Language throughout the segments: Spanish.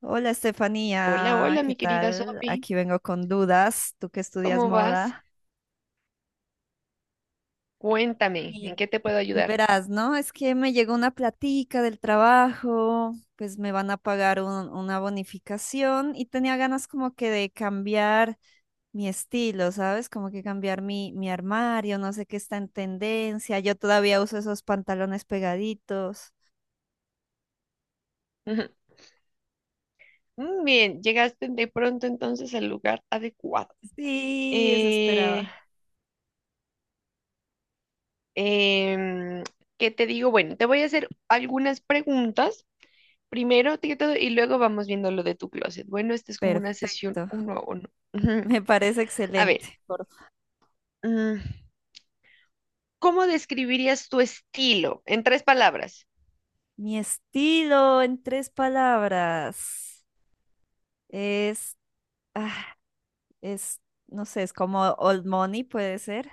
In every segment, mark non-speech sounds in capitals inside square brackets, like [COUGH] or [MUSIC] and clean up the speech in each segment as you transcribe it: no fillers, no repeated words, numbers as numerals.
Hola Hola, Estefanía, hola, ¿qué mi querida tal? Sophie. Aquí vengo con dudas, tú que estudias ¿Cómo vas? moda. Cuéntame, ¿en Bien. qué te puedo ayudar? Verás, ¿no? Es que me llegó una platica del trabajo, pues me van a pagar una bonificación y tenía ganas como que de cambiar mi estilo, ¿sabes? Como que cambiar mi armario, no sé qué está en tendencia. Yo todavía uso esos pantalones pegaditos. [LAUGHS] Ujú. Mm, bien, llegaste de pronto entonces al lugar adecuado. Sí, eso Eh, esperaba. em, ¿Qué te digo? Bueno, te voy a hacer algunas preguntas. Primero, todo, y luego vamos viendo lo de tu closet. Bueno, esta es como una sesión Perfecto, uno [LAUGHS] a uno. Ujú. me parece A ver, excelente. mm, ¿cómo describirías tu estilo en tres palabras? Mi estilo en tres palabras es, ah, es, no sé, es como old money, puede ser.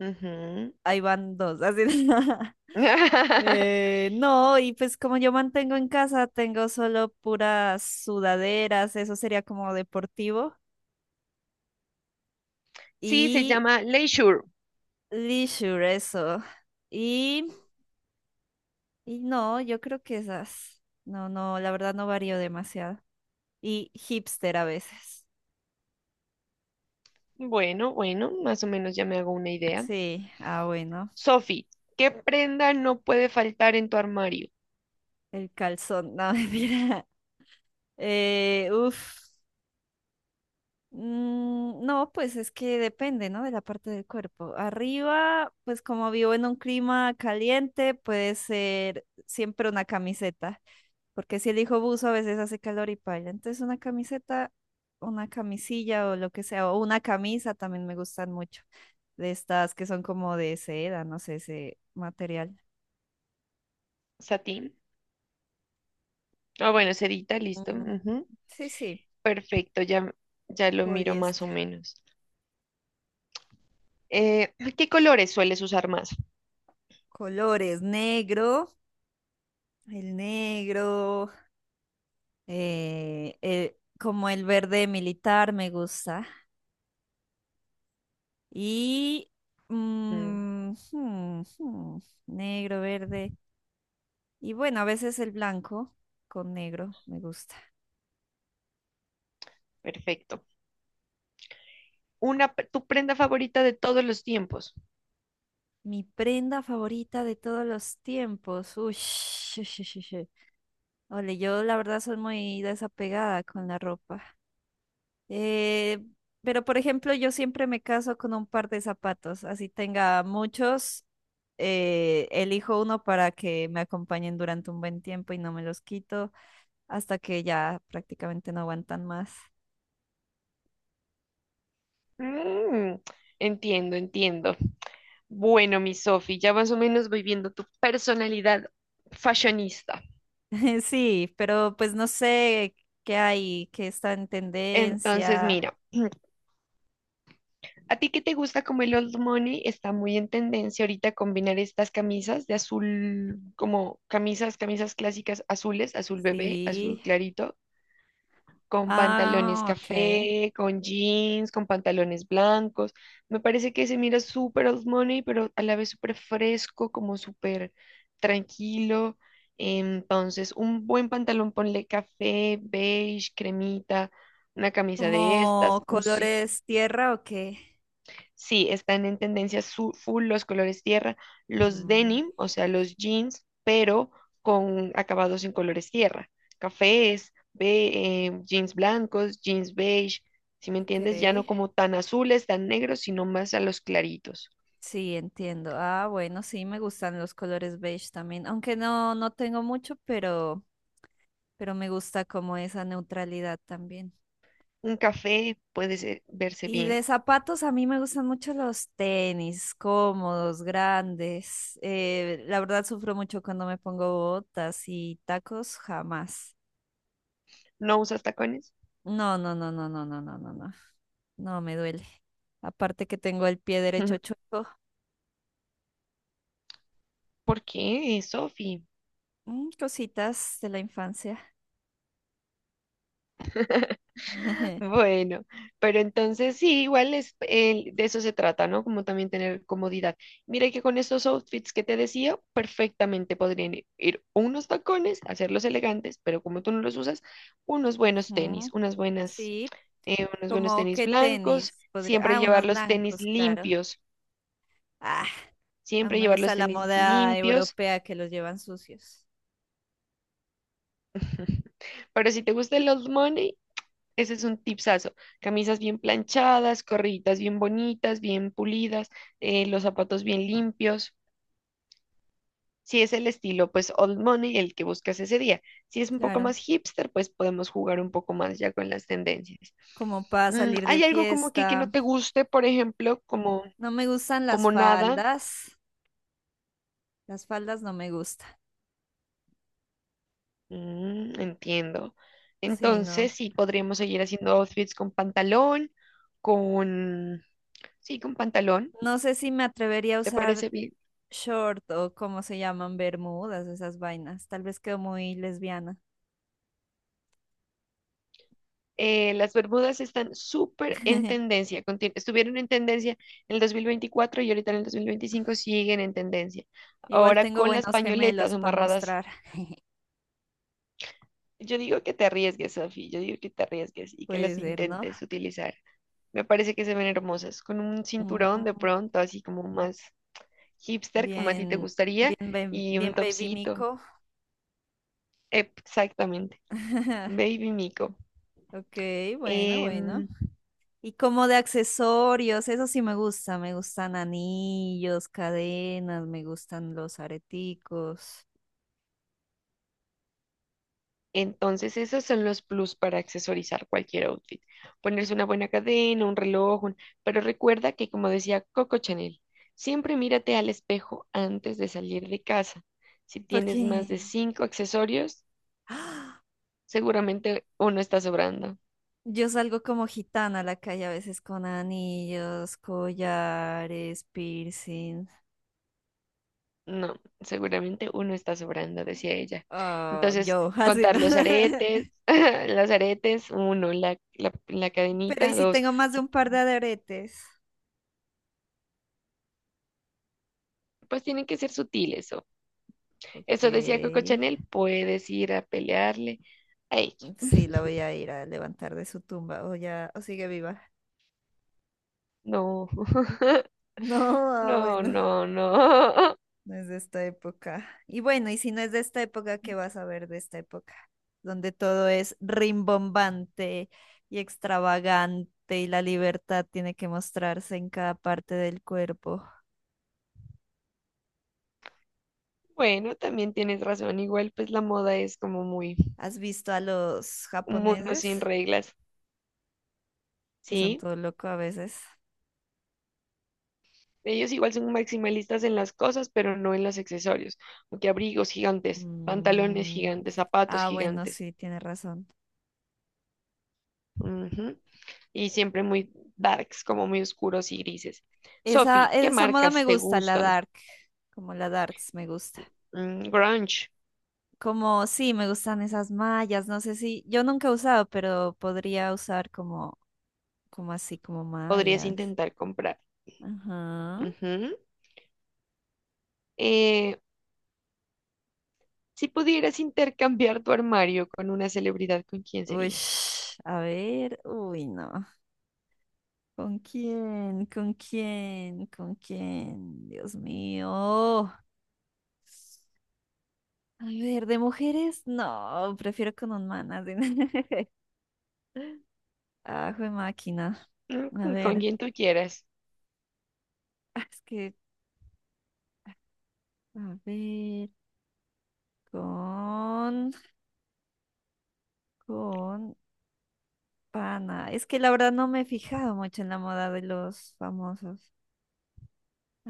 Ujú. Ahí van dos, así. [LAUGHS] [LAUGHS] No, y pues como yo mantengo en casa, tengo solo puras sudaderas, eso sería como deportivo. Sí, se Y llama leisure. leisure, eso. Y, y no, yo creo que esas. No, no, la verdad no varío demasiado. Y hipster a veces. Bueno, bueno, más o menos ya me hago una idea. Sí, ah, bueno. Sophie, ¿qué prenda no puede faltar en tu armario? El calzón, no, [LAUGHS] mira. Eh, uf, no, pues es que depende, ¿no? De la parte del cuerpo. Arriba, pues como vivo en un clima caliente, puede ser siempre una camiseta, porque si elijo buzo a veces hace calor y paila. Entonces una camiseta, una camisilla o lo que sea, o una camisa también me gustan mucho, de estas que son como de seda, no sé, ese material. Satín. Ah, bueno, sedita, listo. Mm, Ujú, sí, sí, perfecto, ya, ya lo miro más o poliéster. menos. ¿Qué colores sueles usar más? Colores, negro. El negro, como el verde militar me gusta. Y Mm, mm, hmm, hmm, negro, verde. Y bueno, a veces el blanco con negro me gusta. perfecto. Una, tu prenda favorita de todos los tiempos. Mi prenda favorita de todos los tiempos. Uy, [LAUGHS] ole, yo la verdad soy muy desapegada con la ropa. Eh, pero, por ejemplo, yo siempre me caso con un par de zapatos, así tenga muchos, elijo uno para que me acompañen durante un buen tiempo y no me los quito hasta que ya prácticamente no aguantan más. Mm, entiendo, entiendo. Bueno, mi Sofi, ya más o menos voy viendo tu personalidad fashionista. [LAUGHS] Sí, pero pues no sé qué hay, qué está en Entonces, tendencia. mira, [CLEARS THROAT] a ti que te gusta como el old money, está muy en tendencia ahorita combinar estas camisas de azul, como camisas, camisas clásicas azules, azul bebé, azul Sí. clarito, con pantalones Ah, ok. café, con jeans, con pantalones blancos. Me parece que se mira súper old money, pero a la vez súper fresco, como súper tranquilo. Entonces, un buen pantalón, ponle café, beige, cremita, una camisa de estas, ¿Como colores tierra o qué? sí, están en tendencia full los colores tierra, los Mm, denim, o sea, los jeans, pero con acabados en colores tierra, cafés, jeans blancos, jeans beige, si me entiendes, ya no ok. como tan azules, tan negros, sino más a los claritos. Sí, entiendo. Ah, bueno, sí, me gustan los colores beige también, aunque no, no tengo mucho, pero me gusta como esa neutralidad también. Un café puede verse Y bien. de zapatos, a mí me gustan mucho los tenis, cómodos, grandes. La verdad, sufro mucho cuando me pongo botas y tacos, jamás. ¿No usas tacones? No, no, no, no, no, no, no, no, no. No, me duele. Aparte que tengo el pie derecho [LAUGHS] chueco. ¿Por qué, Sofi? Mm, cositas de la infancia. [LAUGHS] [LAUGHS] Bueno, pero entonces sí, igual es, de eso se trata, ¿no? Como también tener comodidad. Mira que con estos outfits que te decía, perfectamente podrían ir unos tacones, hacerlos elegantes, pero como tú no los usas, unos buenos Mm, tenis, unas buenas, sí. Unos buenos Como tenis qué blancos, tenis podría. siempre Ah, llevar unos los tenis blancos, claro. limpios, Ah, a mí siempre me llevar gusta los la tenis moda limpios. europea que los llevan sucios. [LAUGHS] Pero si te gusta el old money, ese es un tipsazo. Camisas bien planchadas, corriditas bien bonitas, bien pulidas, los zapatos bien limpios. Si es el estilo, pues old money, el que buscas ese día. Si es un poco Claro, más hipster, pues podemos jugar un poco más ya con las tendencias. como para Mm, salir de ¿hay algo como que no fiesta. te guste, por ejemplo, como, No me gustan las como nada? faldas. Las faldas no me gustan. Mm, entiendo. Sí, no. Entonces, sí, podríamos seguir haciendo outfits con pantalón, con... Sí, con pantalón. No sé si me atrevería a ¿Te usar parece bien? short o cómo se llaman bermudas, esas vainas. Tal vez quedo muy lesbiana. Eh, las Bermudas están súper en [LAUGHS] tendencia, estuvieron en tendencia en el 2024 y ahorita en el 2025 siguen en tendencia. Igual Ahora tengo con las buenos pañoletas gemelos para amarradas, mostrar. yo digo que te arriesgues, Sofi, yo digo que te arriesgues y que Puede las ser, ¿no? intentes utilizar. Me parece que se ven hermosas, con un cinturón de Mm, pronto, así como más hipster, como a ti te bien, gustaría, bien, y bien, un baby topsito. Mico. Exactamente. [LAUGHS] Baby Mico. Ok, bueno, bueno. Em, Y como de accesorios, eso sí me gusta. Me gustan anillos, cadenas, me gustan los areticos. Entonces, esos son los plus para accesorizar cualquier outfit. Ponerse una buena cadena, un reloj, un- pero recuerda que, como decía Coco Chanel, siempre mírate al espejo antes de salir de casa. Si Porque tienes más de cinco accesorios, [GASPS] seguramente uno está sobrando. yo salgo como gitana a la calle a veces con anillos, collares, piercing. No, seguramente uno está sobrando, decía ella. Ah, Entonces, yo, [LAUGHS] así, contar ¿no? los aretes, [LAUGHS] los aretes, uno, la Pero y cadenita, si dos. tengo más de Sí, un par de aretes. pues tienen que ser sutiles. Ok. Eso decía Coco Chanel, puedes ir a pelearle a ella. Sí, la voy a ir a levantar de su tumba. O ya, o sigue viva. [LAUGHS] No, No, [LAUGHS] ah, no, bueno. no, no. [LAUGHS] No es de esta época. Y bueno, y si no es de esta época, ¿qué vas a ver de esta época? Donde todo es rimbombante y extravagante y la libertad tiene que mostrarse en cada parte del cuerpo. Bueno, también tienes razón. Igual, pues la moda es como muy ¿Has visto a los un mundo japoneses? sin reglas, Que son ¿sí? todo loco a veces. Ellos igual son maximalistas en las cosas, pero no en los accesorios. Porque abrigos gigantes, pantalones Mm, gigantes, zapatos ah, bueno, gigantes. sí, tienes razón. Ujú. Y siempre muy darks, como muy oscuros y grises. Esa, Sophie, ¿qué esa moda me marcas te gusta, la gustan? dark, como la darks me gusta. Mm, grunge, Como sí, me gustan esas mallas, no sé si, yo nunca he usado, pero podría usar como, como así, como podrías mallas. intentar comprar. Ajá. Ujú. Eh, si pudieras intercambiar tu armario con una celebridad, ¿con quién Uy, sería? a ver, uy, no. ¿Con quién? ¿Con quién? ¿Con quién? Dios mío. A ver, de mujeres, no, prefiero con un man. Así. [LAUGHS] Ah, jue máquina. Mm, A mm, con ver, quien tú quieras. Es que, a ver, con, con, pana, es que la verdad no me he fijado mucho en la moda de los famosos.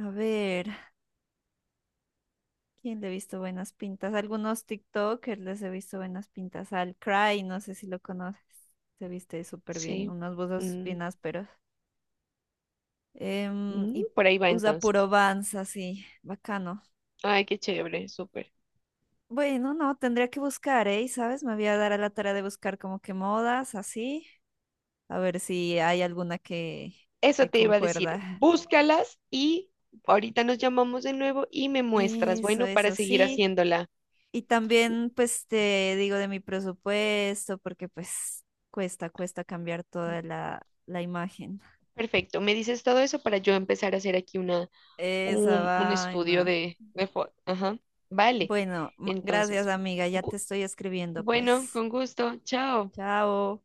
A ver, ¿quién le he visto buenas pintas? Algunos TikTokers les he visto buenas pintas. Al Cry, no sé si lo conoces. Se viste súper bien, Sí. unos buzos Mm, bien ásperos. Mm, Y por ahí va usa entonces. puro Vans, así, bacano. Ay, qué chévere, súper. Bueno, no, tendría que buscar, ¿eh? ¿Sabes? Me voy a dar a la tarea de buscar como que modas, así. A ver si hay alguna Eso que te iba a decir. concuerda. Búscalas y ahorita nos llamamos de nuevo y me muestras, Eso, bueno, para eso seguir sí. haciéndola. Y también, pues, te digo de mi presupuesto, porque pues cuesta cambiar toda la imagen. Perfecto. Me dices todo eso para yo empezar a hacer aquí una, Esa un estudio vaina. De foto. Ajá. Vale. Bueno, gracias Entonces, amiga, ya te gu- estoy escribiendo, bueno, pues. con gusto. Chao. Chao.